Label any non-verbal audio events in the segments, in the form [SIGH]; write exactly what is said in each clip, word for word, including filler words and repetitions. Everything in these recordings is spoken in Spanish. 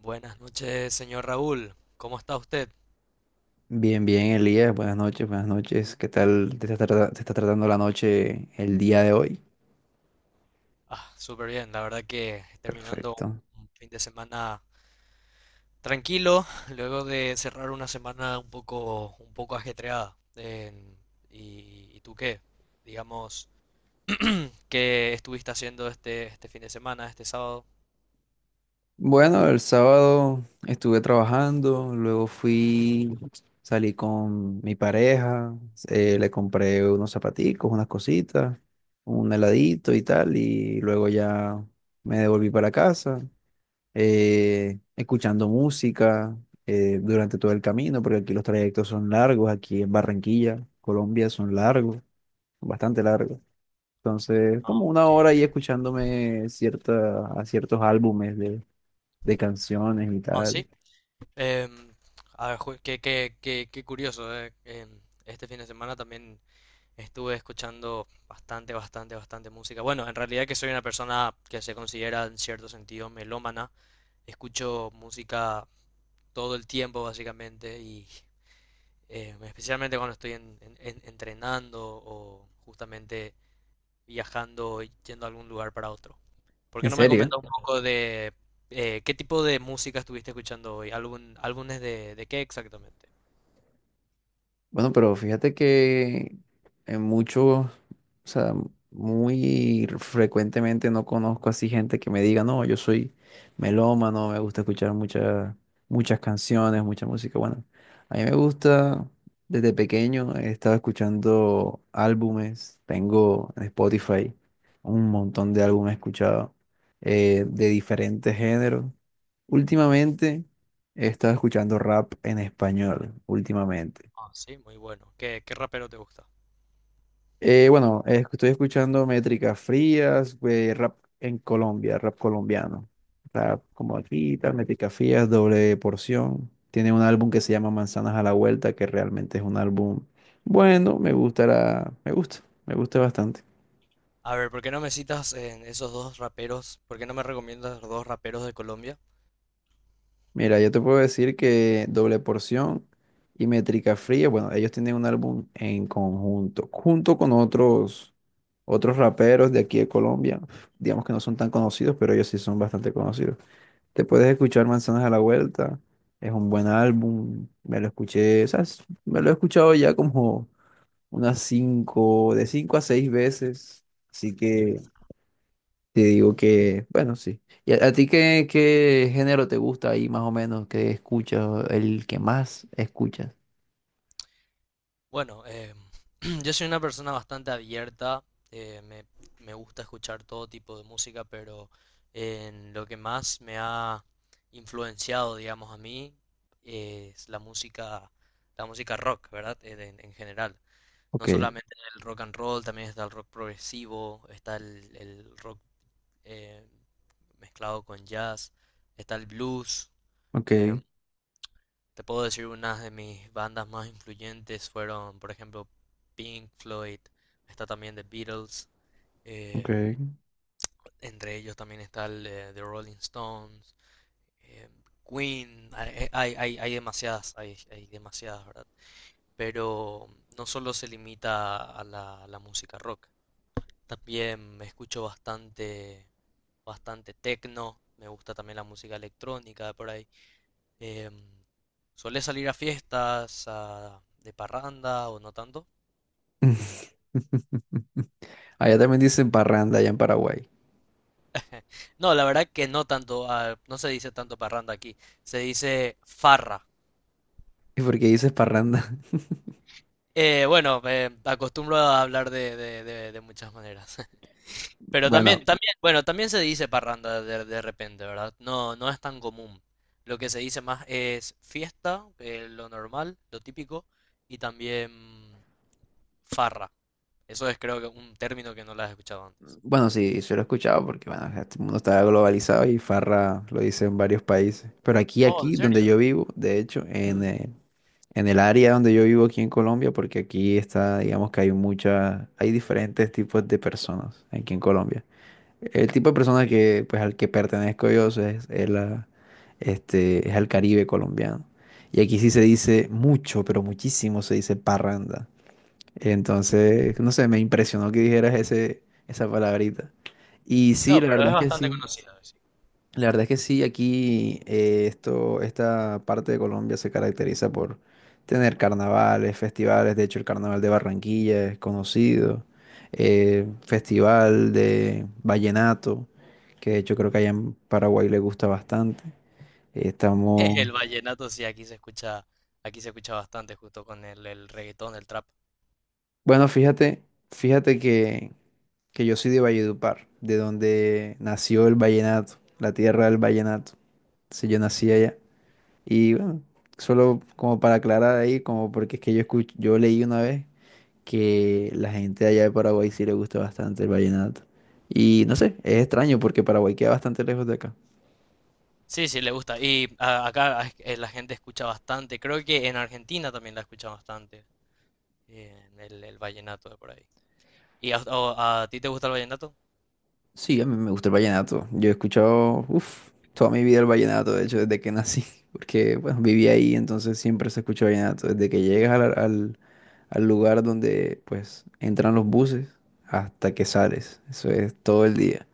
Buenas noches, señor Raúl. ¿Cómo está usted? Bien, bien, Elías, buenas noches, buenas noches. ¿Qué tal te está trata- te está tratando la noche el día de hoy? Ah, súper bien. La verdad que terminando un Perfecto. un fin de semana tranquilo, [LAUGHS] luego de cerrar una semana un poco, un poco ajetreada. En- ¿y, y tú qué? Digamos, ¿qué estuviste haciendo este, este fin de semana, este sábado? Bueno, el sábado estuve trabajando, luego fui, salí con mi pareja, eh, le compré unos zapaticos, unas cositas, un heladito y tal, y luego ya me devolví para casa, eh, escuchando música eh, durante todo el camino, porque aquí los trayectos son largos, aquí en Barranquilla, Colombia, son largos. Bastante largo. Entonces, Ah, como una ok, hora ok. ahí escuchándome cierta, a ciertos álbumes de, de canciones y Ah, tal. sí. Em, a ver, ju- qué, qué- qué- qué curioso, eh. Em, este fin de semana también estuve escuchando bastante, bastante, bastante música. Bueno, en realidad que soy una persona que se considera en cierto sentido melómana. Escucho música todo el tiempo básicamente y eh, especialmente cuando estoy en- en- en- entrenando o justamente viajando, y yendo a algún lugar para otro. ¿Por qué En no me serio. comentas un poco de eh, qué tipo de música estuviste escuchando hoy? ¿Algún, álbumes de, de qué exactamente? Bueno, pero fíjate que en muchos, o sea, muy frecuentemente no conozco así gente que me diga, no, yo soy melómano, me gusta escuchar muchas, muchas canciones, mucha música. Bueno, a mí me gusta, desde pequeño he estado escuchando álbumes, tengo en Spotify un montón de álbumes escuchados, eh, de diferentes géneros. Últimamente he estado escuchando rap en español, últimamente. Ah, sí, muy bueno. ¿Qué, qué rapero te gusta? Eh, bueno, eh, estoy escuchando métricas frías, güey, rap en Colombia, rap colombiano. Rap como aquí, tal, métricas frías, doble porción. Tiene un álbum que se llama Manzanas a la Vuelta, que realmente es un álbum bueno, me gusta la- me gusta, me gusta bastante. A ver, ¿por qué no me citas en esos dos raperos? ¿Por qué no me recomiendas los dos raperos de Colombia? Mira, yo te puedo decir que doble porción y métrica fría, bueno, ellos tienen un álbum en conjunto, junto con otros, otros raperos de aquí de Colombia. Digamos que no son tan conocidos, pero ellos sí son bastante conocidos. Te puedes escuchar Manzanas a la Vuelta. Es un buen álbum. Me lo escuché, o sea, es- me lo he escuchado ya como unas cinco, de cinco a seis veces. Así que te digo que, bueno, sí. ¿Y a, a ti qué, qué género te gusta ahí más o menos? ¿Qué escuchas? El que más escuchas. Bueno, eh, [CLEARS THROAT] yo soy una persona bastante abierta, eh, me, me gusta escuchar todo tipo de música, pero eh, en lo que más me ha influenciado, digamos, a mí eh, es la música, la música rock, ¿verdad? En, en- en general. No Ok, solamente el rock and roll, también está el rock progresivo, está el, el rock eh, mezclado con jazz, está el blues. eh, ok, Te puedo decir unas de mis bandas más influyentes fueron, por ejemplo, Pink Floyd. Está también The Beatles, ok. eh, entre ellos también está el, eh, The Rolling Stones, eh, Queen. Hay, eh, hay, hay- hay demasiadas, hay, hay demasiadas, ¿verdad? Pero no solo se limita a la, a la música rock. También me escucho bastante, bastante tecno. Me gusta también la música electrónica por ahí. Em, ¿Solés salir a fiestas, a- de parranda o no tanto? [LAUGHS] Allá también dicen parranda allá en Paraguay. No, la verdad que no tanto. Ah, no se dice tanto parranda aquí. Se dice farra. ¿Y por qué dices parranda? Eh, bueno, me acostumbro a hablar de, de- de- de muchas maneras. [LAUGHS] [LAUGHS] Pero Bueno, también, también, bueno, también se dice parranda de, de repente, ¿verdad? No, no es tan común. Lo que se dice más es fiesta, eh, lo normal, lo típico, y también farra. Eso es creo que un término que no lo has escuchado antes. bueno, sí, se lo he escuchado porque, bueno, este mundo está globalizado y Farra lo dice en varios países. Pero aquí, Oh, ¿en aquí, donde serio? yo vivo, de hecho, en, eh, en el área donde yo vivo aquí en Colombia, porque aquí está, digamos que hay muchas, hay diferentes tipos de personas aquí en Colombia. El tipo de persona que, pues, al que pertenezco yo es, es la, este, es al Caribe colombiano. Y aquí sí se dice mucho, pero muchísimo se dice parranda. Entonces, no sé, me impresionó que dijeras ese, esa palabrita. Y sí, No, la pero verdad es es que bastante sí. conocido, sí. La verdad es que sí, aquí eh, esto, esta parte de Colombia se caracteriza por tener carnavales, festivales. De hecho, el carnaval de Barranquilla es conocido. Eh, festival de vallenato, que de hecho creo que allá en Paraguay le gusta bastante. [LAUGHS] Estamos, El vallenato sí, aquí se escucha, aquí se escucha bastante, justo con el, el reggaetón, el trap. bueno, fíjate, fíjate que que yo soy de Valledupar, de donde nació el vallenato, la tierra del vallenato. Entonces yo nací allá. Y bueno, solo como para aclarar ahí, como porque es que yo escuch- yo leí una vez que la gente de allá de Paraguay sí le gusta bastante el vallenato. Y no sé, es extraño porque Paraguay queda bastante lejos de acá. Sí, sí, le gusta. Y a- acá a- eh, la gente escucha bastante. Creo que en Argentina también la escucha bastante. En el, el vallenato de por ahí. ¿Y a, o- a ti te gusta el vallenato? Sí, a mí me gusta el vallenato. Yo he escuchado, uff, toda mi vida el vallenato, de hecho, desde que nací, [LAUGHS] porque bueno, viví ahí, entonces siempre se escucha vallenato. Desde que llegas al, al, al lugar donde pues entran los buses hasta que sales. Eso es todo el día.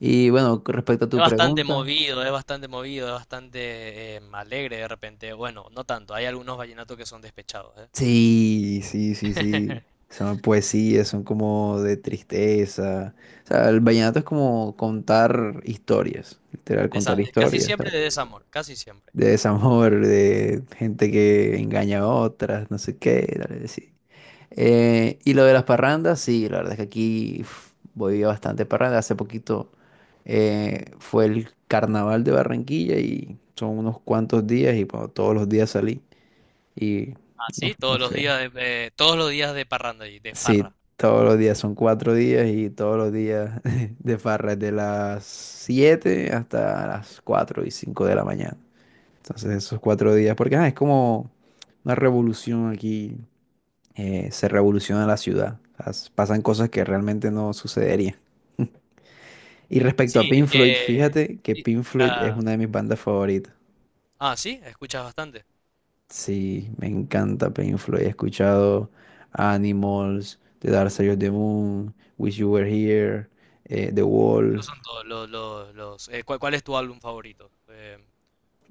Y bueno, con respecto a Es tu bastante pregunta, movido, es bastante movido, es bastante eh, alegre de repente. Bueno, no tanto, hay algunos vallenatos que son despechados, ¿eh? sí, sí, sí, sí. [LAUGHS] Son poesías, son como de tristeza. O sea, el vallenato es como contar historias, literal, contar Desa- casi historias. siempre de desamor, casi siempre. De desamor, de gente que engaña a otras, no sé qué, dale, sí. Eh, y lo de las parrandas, sí, la verdad es que aquí uf, voy a bastante parranda. Hace poquito eh, fue el carnaval de Barranquilla y son unos cuantos días y bueno, todos los días salí. Y Ah, no, sí, todos no los sé. días de, eh, todos los días de parranda y de Sí, farra. todos los días son cuatro días y todos los días [LAUGHS] de farra de las siete hasta las cuatro y cinco de la mañana. Entonces esos cuatro días, porque ah, es como una revolución aquí, eh, se revoluciona la ciudad. O sea, s- pasan cosas que realmente no sucederían. Y respecto a Sí, Pink es Floyd, que fíjate que sí, Pink Floyd es ah, una de mis bandas favoritas. ah, sí, escuchas bastante. Sí, me encanta Pink Floyd. He escuchado Animals, The Dark Side of the Moon, Wish You Were Here, eh, The Wall. Esos son todos los, los, los- eh, ¿cuál, cuál es tu álbum favorito? Eh,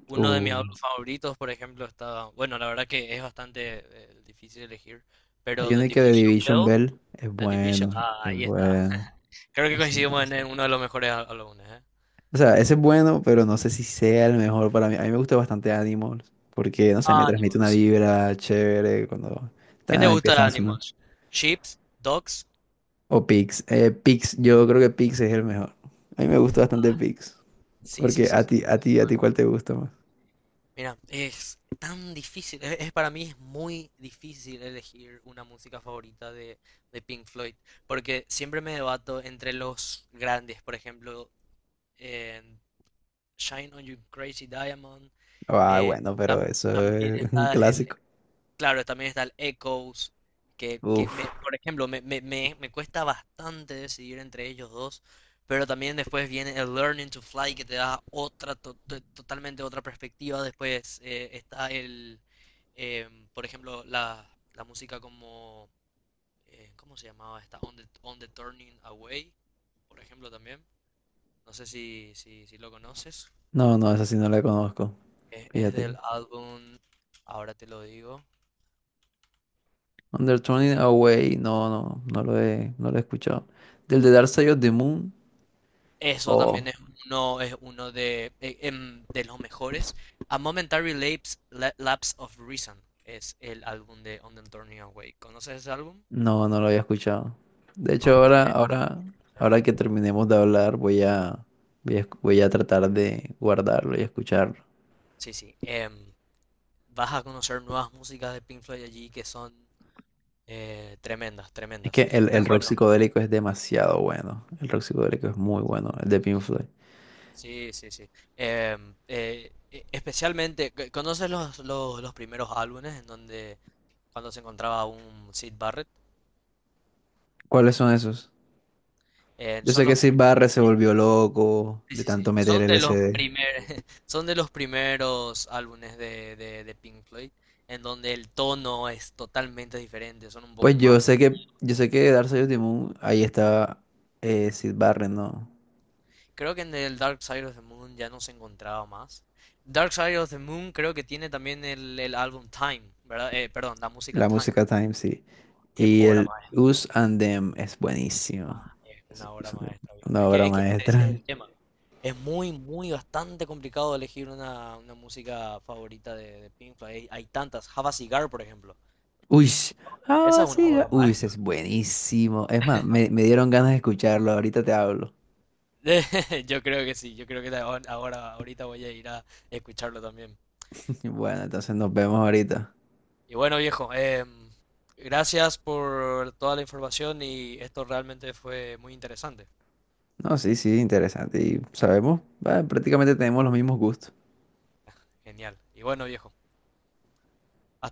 Uno de mis Uh, álbumes favoritos, por ejemplo, está, bueno, la verdad que es bastante eh, difícil elegir, pero hay The una que de Division Division Bell, Bell es The Division, bueno, ah, es ahí está. bueno. Creo que coincidimos en, en uno de los mejores á- álbumes, ¿eh? O sea, ese es bueno, pero no sé si sea el mejor para mí. A mí me gusta bastante Animals, porque, no sé, me transmite una Animals, sí. vibra chévere cuando ¿Qué te ta, gusta de empiezan a sonar. Animals? ¿Ships? ¿Dogs? O Pix. Eh, Pix, yo creo que Pix es el mejor. A mí me gusta bastante Pix. Sí, sí, Porque sí, a sí. ti, a ti, a ti, Bueno, ¿cuál te gusta más? mira, es tan difícil, es, es- para mí es muy difícil elegir una música favorita de, de Pink Floyd, porque siempre me debato entre los grandes, por ejemplo, Shine on You Crazy Diamond. Ah, eh, bueno, pero tam- eso También es un está el, clásico. claro, también está el Echoes, que, que Uf. me- por ejemplo, me, me, me, me cuesta bastante decidir entre ellos dos, pero también después viene el Learning to Fly, que te da otra, to- to- totalmente otra perspectiva. Después eh, está el, em, por ejemplo, la, la música como, eh, ¿cómo se llamaba esta? On the, On the Turning Away, por ejemplo, también. No sé si, si, si lo conoces. No, no, esa sí no la conozco. Es, es del Fíjate. álbum, ahora te lo digo. Under Turning Away, no, no, no lo he, no lo he escuchado. Del de Dark Side of the Moon, Eso oh. también es uno, es uno de, eh, em, de los mejores. A Momentary Lapse, La- Lapse of Reason es el álbum de On the Turning Away. ¿Conoces ese álbum? No, no lo había escuchado. De hecho, Oh, ahora, tienes que ahora, conocerlo. ahora que terminemos de hablar, voy a, voy a, esc- voy a tratar de guardarlo y escucharlo. Sí, sí. Em, vas a conocer nuevas músicas de Pink Floyd allí que son eh, tremendas, Es que tremendas. el, Pero el rock bueno, psicodélico es demasiado bueno. El rock psicodélico es muy bueno, el de Pink Floyd. sí, sí, sí. Em, eh, e- especialmente, ¿conoces los, los, los primeros álbumes en donde cuando se encontraba un Sid Barrett? ¿Cuáles son esos? Eh, Yo son sé que los, Syd Barrett se volvió loco sí, de sí, sí. tanto meter son de los L S D. primer, [LAUGHS] Son de los primeros álbumes de, de, de Pink Floyd, en donde el tono es totalmente diferente, son un poco Pues yo más. mo- sé que, yo sé que Dark Side of the Moon, ahí estaba eh, Syd Barrett, ¿no? Creo que en el Dark Side of the Moon ya no se encontraba más. Dark Side of the Moon creo que tiene también el, el álbum Time, ¿verdad? Eh, perdón, la música La Time, música Time, sí. qué Y obra el maestra, Us viejo. and Them es buenísimo. Ah, es Es una obra Us and Them, maestra, viejo. una Es que, obra es que ese es maestra. el tema. Es muy, muy, bastante complicado elegir una, una música favorita de, de Pink Floyd. Hay, hay tantas. Have a Cigar, por ejemplo. Uy, Esa ah, es una sí, ga- obra uy, ese maestra. es buenísimo. Es más, me, me dieron ganas de escucharlo. Ahorita te hablo. [LAUGHS] Yo creo que sí. Yo creo que la- ahora, ahorita voy a ir a escucharlo también. [LAUGHS] Bueno, entonces nos vemos ahorita. Y bueno, viejo, em, gracias por toda la información y esto realmente fue muy interesante. No, sí, sí, interesante. Y sabemos, ah, prácticamente tenemos los mismos gustos. Genial. Y bueno, viejo.